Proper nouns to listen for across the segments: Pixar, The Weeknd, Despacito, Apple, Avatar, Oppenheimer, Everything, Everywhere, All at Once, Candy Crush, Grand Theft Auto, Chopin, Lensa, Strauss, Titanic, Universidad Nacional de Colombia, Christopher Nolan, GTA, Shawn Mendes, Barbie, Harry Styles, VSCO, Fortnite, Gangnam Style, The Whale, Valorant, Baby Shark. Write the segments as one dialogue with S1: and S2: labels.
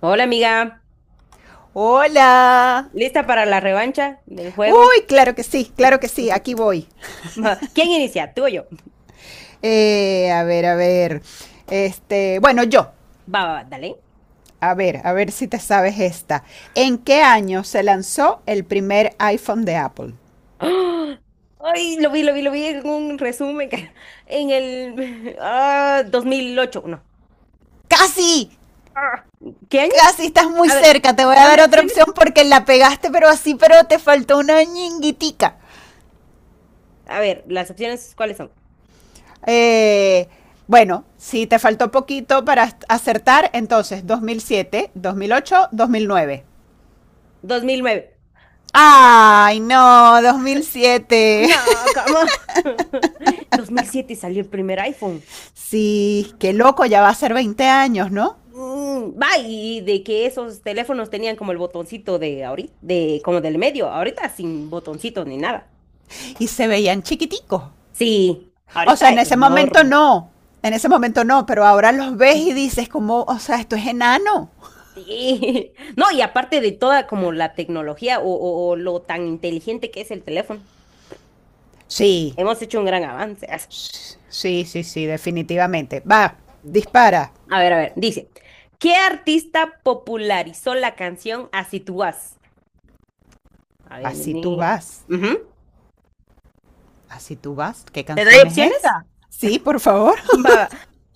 S1: Hola amiga,
S2: Hola.
S1: ¿lista para la revancha del juego?
S2: Uy, claro que sí, aquí voy.
S1: ¿Quién inicia? ¿Tú o yo?
S2: A ver, a ver. Este, bueno, yo.
S1: Va, va, va, dale.
S2: A ver si te sabes esta. ¿En qué año se lanzó el primer iPhone de Apple?
S1: ¡Ah! Ay, lo vi en un resumen en el 2008. No.
S2: Casi,
S1: Ah, ¿qué año?
S2: casi estás muy
S1: A ver,
S2: cerca. Te voy a dar
S1: dame
S2: otra
S1: opciones.
S2: opción porque la pegaste, pero así, pero te faltó una ñinguitica.
S1: A ver, las opciones, ¿cuáles son?
S2: Eh, bueno, si te faltó poquito para acertar, entonces dos mil siete, 2008, 2009.
S1: 2009.
S2: Ay, no, 2007.
S1: No, ¿cómo? 2007 salió el primer iPhone.
S2: Sí, qué loco, ya va a ser 20 años, ¿no?
S1: Va, y de que esos teléfonos tenían como el botoncito de ahorita, de como del medio, ahorita sin botoncito ni nada.
S2: Y se veían chiquiticos.
S1: Sí,
S2: O sea,
S1: ahorita
S2: en ese momento
S1: enormes.
S2: no, en ese momento no, pero ahora los ves y dices como, o sea, esto es enano.
S1: Sí. No, y aparte de toda como la tecnología o lo tan inteligente que es el teléfono,
S2: Sí,
S1: hemos hecho un gran avance.
S2: sí, sí, sí, definitivamente. Va, dispara.
S1: A ver, dice, ¿qué artista popularizó la canción Así tú vas? A ver,
S2: Así tú
S1: nene.
S2: vas,
S1: Ujú.
S2: así tú vas. ¿Qué
S1: ¿Te doy
S2: canción es
S1: opciones?
S2: esa? Sí, por favor.
S1: Va.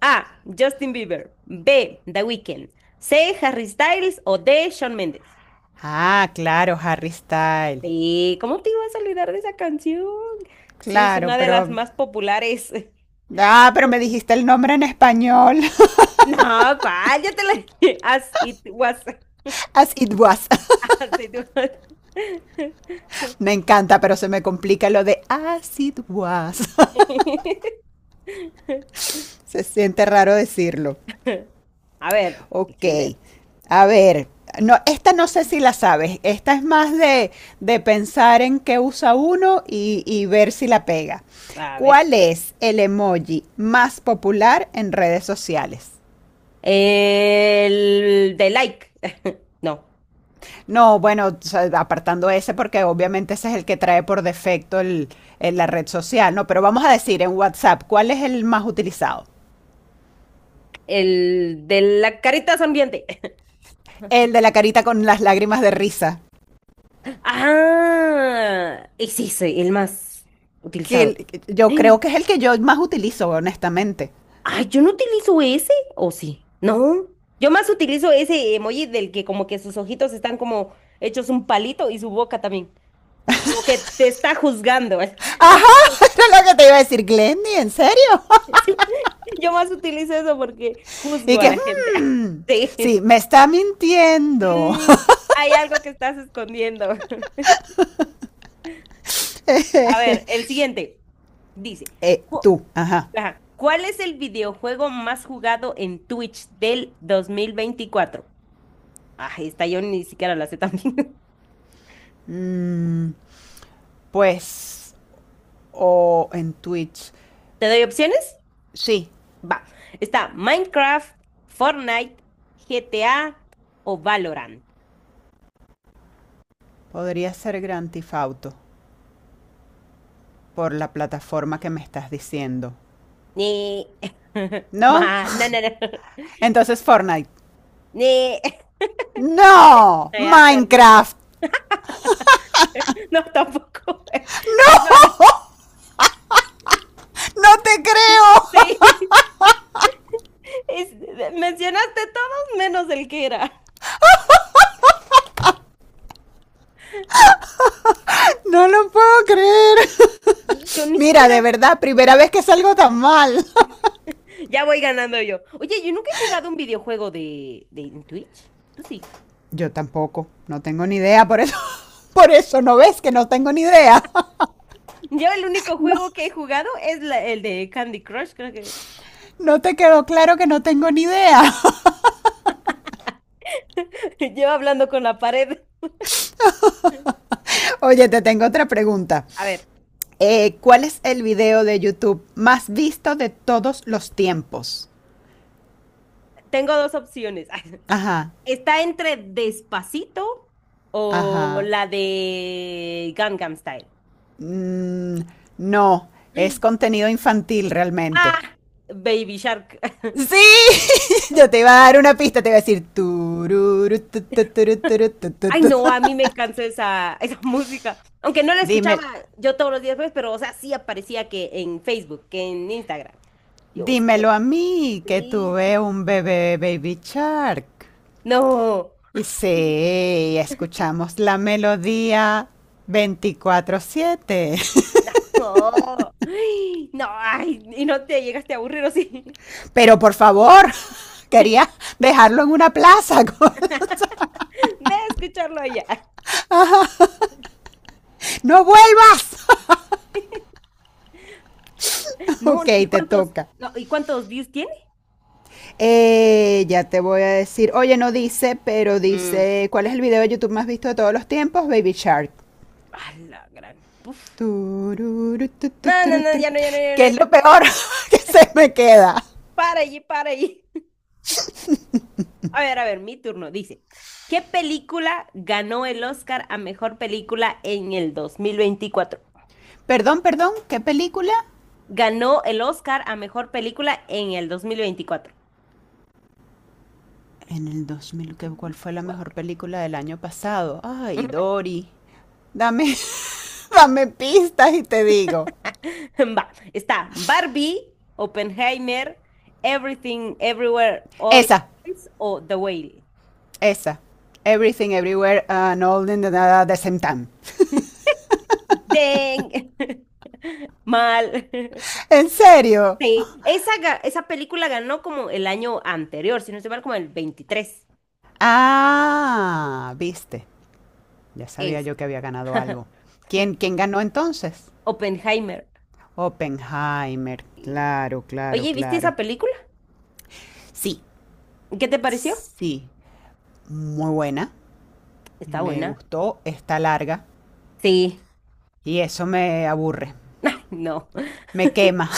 S1: A. Justin Bieber. B. The Weeknd. C. Harry Styles o D. Shawn Mendes.
S2: Ah, claro, Harry Style.
S1: Sí, ¿cómo te ibas a olvidar de esa canción? Sí, es
S2: Claro,
S1: una de las
S2: pero.
S1: más populares.
S2: Ah, pero me dijiste el nombre en español.
S1: No, ¿cuál? Ya te la dije. As it was.
S2: As it was.
S1: As it was.
S2: Me encanta, pero se me complica lo de as it was. Se siente raro decirlo.
S1: A ver, el
S2: Ok.
S1: siguiente.
S2: A ver. No, esta no sé si la sabes. Esta es más de pensar en qué usa uno y ver si la pega.
S1: A ver.
S2: ¿Cuál es el emoji más popular en redes sociales?
S1: El de like. No,
S2: No, bueno, o sea, apartando ese porque obviamente ese es el que trae por defecto la red social, ¿no? Pero vamos a decir en WhatsApp, ¿cuál es el más utilizado?
S1: el de la carita sonriente.
S2: El de la carita con las lágrimas de risa.
S1: Ah, es ese, el más utilizado.
S2: Que yo creo
S1: Ay,
S2: que es el que yo más utilizo, honestamente.
S1: ay, yo no utilizo ese, ¿o sí? No. Yo más utilizo ese emoji del que como que sus ojitos están como hechos un palito y su boca también. Como que te está juzgando.
S2: Ajá,
S1: Como-
S2: eso es lo que te iba a decir, Glendy, ¿en serio?
S1: Sí, yo más utilizo eso porque juzgo
S2: Y
S1: a
S2: que,
S1: la gente.
S2: sí,
S1: Sí.
S2: me está mintiendo.
S1: Mm, Hay algo que estás escondiendo. A ver, el siguiente dice, "Cu-
S2: Tú, ajá.
S1: Ajá. ¿Cuál es el videojuego más jugado en Twitch del 2024? Ah, esta yo ni siquiera la sé también.
S2: Mm, pues, o en Twitch.
S1: ¿Te doy opciones?
S2: Sí,
S1: Va. Está Minecraft, Fortnite, GTA o Valorant.
S2: podría ser Grand Theft Auto por la plataforma que me estás diciendo.
S1: Ni.
S2: ¿No?
S1: No, no, no.
S2: Entonces Fortnite.
S1: Ni.
S2: ¡No!
S1: Ya perdiste.
S2: ¡Minecraft!
S1: No, tampoco. Es Valorant.
S2: ¡No te creo!
S1: Sí. Es- Mencionaste todos menos el que era.
S2: No lo puedo creer.
S1: Y yo ni
S2: Mira, de
S1: siquiera.
S2: verdad, primera vez que salgo tan mal.
S1: Ya voy ganando yo. Oye, yo nunca he jugado un videojuego de en Twitch. Tú sí.
S2: Yo tampoco, no tengo ni idea, por eso. Por eso no ves que no tengo ni idea.
S1: Yo el único
S2: No,
S1: juego que he jugado es el de Candy Crush, creo que.
S2: no te quedó claro que no tengo ni idea.
S1: Llevo hablando con la pared.
S2: Oye, te tengo otra pregunta.
S1: A ver,
S2: ¿Cuál es el video de YouTube más visto de todos los tiempos?
S1: tengo dos opciones.
S2: Ajá,
S1: Está entre Despacito o
S2: ajá.
S1: la de Gangnam Style.
S2: Mm, no, es contenido infantil realmente.
S1: Ah, Baby Shark.
S2: Sí, yo te iba a dar una pista, te iba a decir tururu, tu, turu, turu, tu, tu,
S1: Ay,
S2: tu.
S1: no, a mí me cansó esa, esa música. Aunque no la escuchaba
S2: Dime,
S1: yo todos los días, pues, pero, o sea, sí aparecía que en Facebook, que en Instagram. Dios.
S2: dímelo a mí, que
S1: Sí.
S2: tuve un bebé baby shark.
S1: No,
S2: Y sí, escuchamos la melodía 24/7.
S1: no, ay, no, ay, y no te llegaste a aburrir, ¿o sí?
S2: Pero por favor, quería dejarlo en una plaza.
S1: De escucharlo allá.
S2: No vuelvas.
S1: No,
S2: Ok,
S1: no,
S2: te toca.
S1: ¿y cuántos views tiene?
S2: Ya te voy a decir, oye, no dice, pero
S1: Mm,
S2: dice, ¿cuál es el video de YouTube más visto de todos los tiempos? Baby Shark.
S1: a la gran. Uf.
S2: Tururu, tu,
S1: No, no,
S2: turu,
S1: no,
S2: turu.
S1: ya no, ya no, ya no,
S2: ¿Qué es
S1: ya
S2: lo
S1: no.
S2: peor que se me queda?
S1: Para allí, para allí. A ver, mi turno. Dice, ¿qué película ganó el Oscar a mejor película en el 2024?
S2: Perdón, perdón, ¿qué película?
S1: Ganó el Oscar a mejor película en el 2024.
S2: En el 2000, ¿cuál fue la mejor
S1: Cuatro.
S2: película del año pasado? Ay, Dory. Dame, dame pistas y te digo.
S1: Va, está Barbie, Oppenheimer, Everything, Everywhere, All at
S2: Esa,
S1: Once o The Whale.
S2: esa. Everything, everywhere, and all in the same time.
S1: ¡Deng! Mal.
S2: ¿En serio?
S1: Sí, esa, esa película ganó como el año anterior, si no estoy mal, como el 23.
S2: Ah, viste. Ya sabía
S1: Es
S2: yo que había ganado algo. ¿Quién ganó entonces?
S1: Oppenheimer.
S2: Oppenheimer.
S1: Y-
S2: Claro, claro,
S1: Oye, ¿viste
S2: claro.
S1: esa película?
S2: Sí,
S1: ¿Qué te pareció?
S2: sí. Muy buena.
S1: Está
S2: Me
S1: buena.
S2: gustó. Está larga.
S1: Sí,
S2: Y eso me aburre.
S1: no.
S2: Me quema.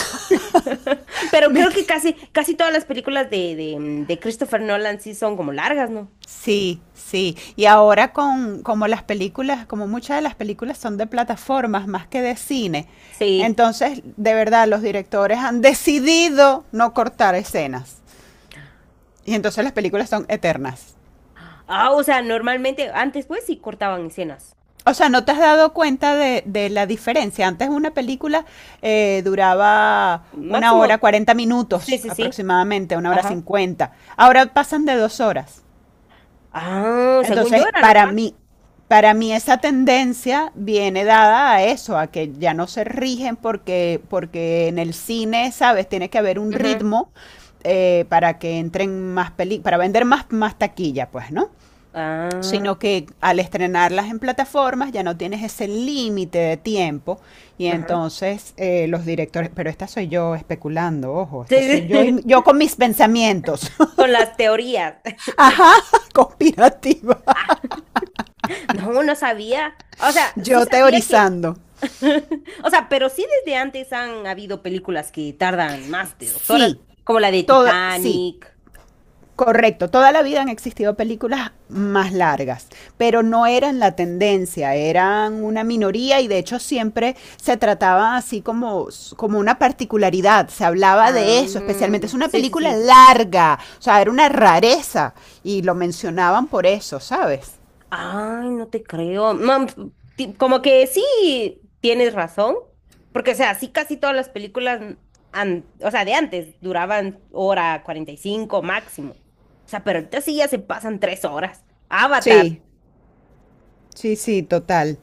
S1: Pero
S2: Me
S1: creo que
S2: que-
S1: casi, casi todas las películas de Christopher Nolan sí son como largas, ¿no?
S2: Sí, sí. Y ahora con como las películas, como muchas de las películas son de plataformas más que de cine.
S1: Sí.
S2: Entonces, de verdad, los directores han decidido no cortar escenas. Y entonces las películas son eternas.
S1: Ah, o sea, normalmente antes pues sí cortaban escenas.
S2: O sea, ¿no te has dado cuenta de la diferencia? Antes una película duraba una hora,
S1: Máximo,
S2: cuarenta
S1: sí,
S2: minutos
S1: sí, sí.
S2: aproximadamente, una hora
S1: Ajá.
S2: cincuenta. Ahora pasan de 2 horas.
S1: Ah, según yo
S2: Entonces,
S1: era
S2: para
S1: normal.
S2: mí, para mí esa tendencia viene dada a eso, a que ya no se rigen porque, en el cine, ¿sabes? Tiene que haber un
S1: Ujú.
S2: ritmo para que entren más películas, para vender más taquilla, pues, ¿no?
S1: Ah,
S2: Sino que al estrenarlas en plataformas ya no tienes ese límite de tiempo y
S1: ajá.
S2: entonces los directores, pero esta soy yo especulando, ojo, esta soy
S1: Sí,
S2: yo y
S1: sí.
S2: yo con mis pensamientos,
S1: Con las teorías.
S2: ajá, conspirativa,
S1: No, no sabía. O sea, sí
S2: yo
S1: sabía que.
S2: teorizando.
S1: O sea, pero sí desde antes han habido películas que tardan más de 2 horas,
S2: Sí,
S1: como la de
S2: todo, sí,
S1: Titanic.
S2: correcto, toda la vida han existido películas más largas, pero no eran la tendencia, eran una minoría y de hecho siempre se trataba así como una particularidad, se hablaba de
S1: Ah,
S2: eso, especialmente es una
S1: sí, sí,
S2: película
S1: sí.
S2: larga, o sea, era una rareza y lo mencionaban por eso, ¿sabes?
S1: Ay, no te creo. Como que sí tienes razón, porque o sea, sí casi todas las películas, o sea, de antes duraban hora 45 máximo. O sea, pero ahorita sí ya se pasan 3 horas. Avatar,
S2: Sí, sí, sí, total.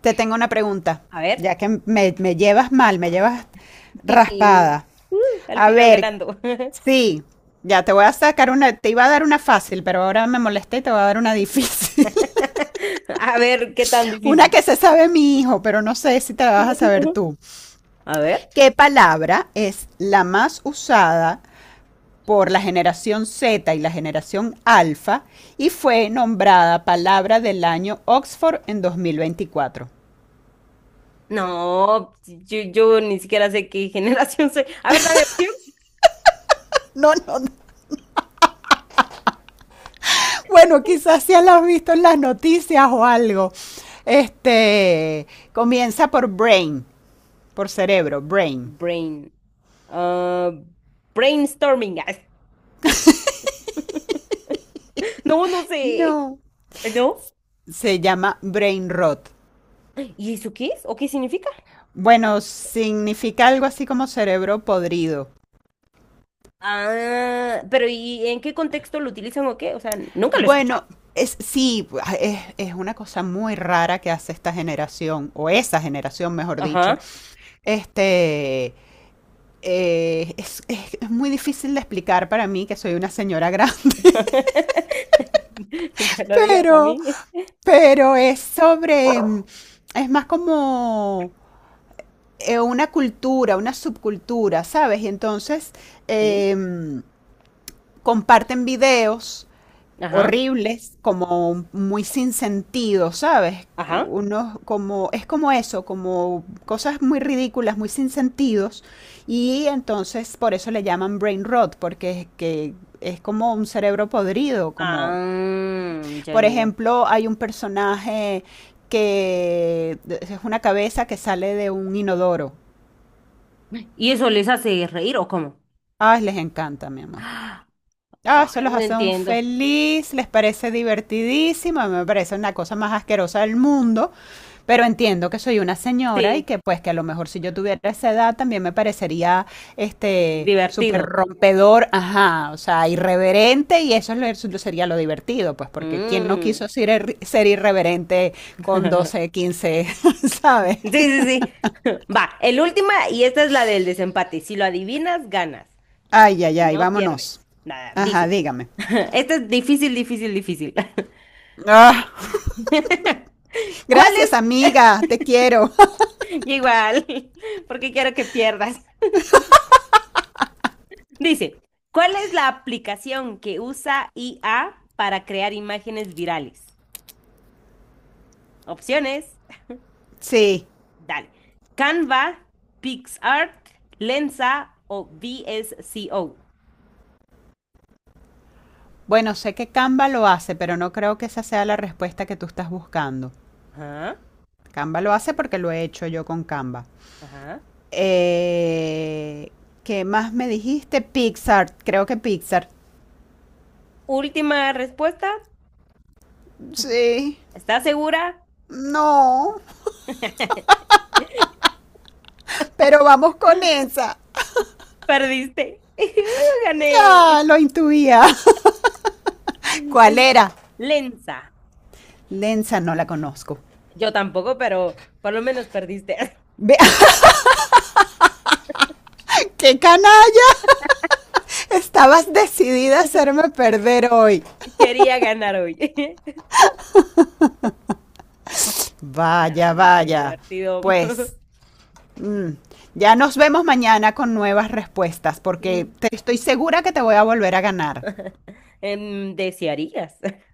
S2: Te tengo una pregunta,
S1: a ver.
S2: ya que me llevas mal, me llevas raspada.
S1: Uh, Al
S2: A
S1: final
S2: ver,
S1: ganando.
S2: sí, ya te voy a sacar una, te iba a dar una fácil, pero ahora me molesté y te voy a dar una difícil.
S1: A ver, qué tan
S2: Una
S1: difícil.
S2: que se sabe mi hijo, pero no sé si te la vas a saber tú.
S1: A ver.
S2: ¿Qué palabra es la más usada por la generación Z y la generación Alfa y fue nombrada palabra del año Oxford en 2024?
S1: No, yo ni siquiera sé qué generación soy. A ver, dame opción.
S2: No, no, no. Bueno, quizás ya la has visto en las noticias o algo. Este comienza por brain, por cerebro, brain.
S1: Brain. ah, Brainstorming. No, no sé.
S2: No.
S1: ¿No?
S2: Se llama brain rot.
S1: ¿Y eso qué es? ¿O qué significa?
S2: Bueno, significa algo así como cerebro podrido.
S1: Ah, pero ¿y en qué contexto lo utilizan o qué? O sea, nunca lo he escuchado.
S2: Bueno, es, sí, es una cosa muy rara que hace esta generación, o esa generación, mejor dicho.
S1: Ajá.
S2: Este, es muy difícil de explicar para mí, que soy una señora grande.
S1: Que lo digas a
S2: pero,
S1: mí.
S2: pero es sobre, es más como una cultura, una subcultura, ¿sabes? Y entonces,
S1: Sí.
S2: em, comparten videos
S1: Ajá.
S2: horribles, como muy sin sentido, ¿sabes?
S1: Ajá.
S2: Unos como es como eso, como cosas muy ridículas, muy sin sentidos y entonces por eso le llaman brain rot porque es que es como un cerebro podrido, como
S1: Ah, ya,
S2: por
S1: ya, ya.
S2: ejemplo, hay un personaje que es una cabeza que sale de un inodoro.
S1: ¿Y eso les hace reír o cómo?
S2: Ah, les encanta, mi amor. Ah, eso
S1: Ay,
S2: los
S1: no
S2: hace un
S1: entiendo.
S2: feliz, les parece divertidísimo, a mí me parece una cosa más asquerosa del mundo, pero entiendo que soy una señora y
S1: Sí,
S2: que pues que a lo mejor si yo tuviera esa edad también me parecería este súper
S1: divertido.
S2: rompedor, ajá, o sea, irreverente y eso es eso sería lo divertido, pues porque quién no
S1: Mm.
S2: quiso ser, ser irreverente con 12, 15, ¿sabes?
S1: Sí, sí, sí. Va, el última y esta es la del desempate. Si lo adivinas, ganas.
S2: Ay, ay,
S1: Si
S2: ay,
S1: no,
S2: vámonos.
S1: pierdes. Nada,
S2: Ajá,
S1: dice.
S2: dígame.
S1: Esta es difícil, difícil, difícil.
S2: Ah,
S1: ¿Cuál
S2: gracias,
S1: es?
S2: amiga, te quiero.
S1: Igual, porque quiero que pierdas. Dice, ¿cuál es la aplicación que usa IA para crear imágenes virales? Opciones,
S2: Sí.
S1: dale. Canva, PixArt, Lensa o VSCO.
S2: Bueno, sé que Canva lo hace, pero no creo que esa sea la respuesta que tú estás buscando.
S1: Ajá.
S2: Canva lo hace porque lo he hecho yo con Canva.
S1: Ajá.
S2: Eh, ¿Qué más me dijiste? Pixar. Creo que Pixar.
S1: Última respuesta.
S2: Sí.
S1: ¿Estás segura?
S2: No. Pero vamos con esa.
S1: Perdiste.
S2: Ya,
S1: Gané.
S2: lo intuía. ¿Cuál
S1: Es
S2: era?
S1: Lenza.
S2: Lenza no la conozco.
S1: Yo tampoco, pero por lo menos perdiste.
S2: Ve- ¡Qué canalla! Estabas decidida a hacerme perder hoy.
S1: Quería ganar hoy.
S2: Vaya,
S1: Dale, qué
S2: vaya.
S1: divertido.
S2: Pues, Mm, Ya nos vemos mañana con nuevas respuestas, porque te estoy segura que te voy a volver a ganar.
S1: Desearías.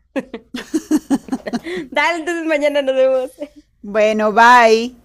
S1: Dale, entonces mañana nos vemos.
S2: Bueno, bye.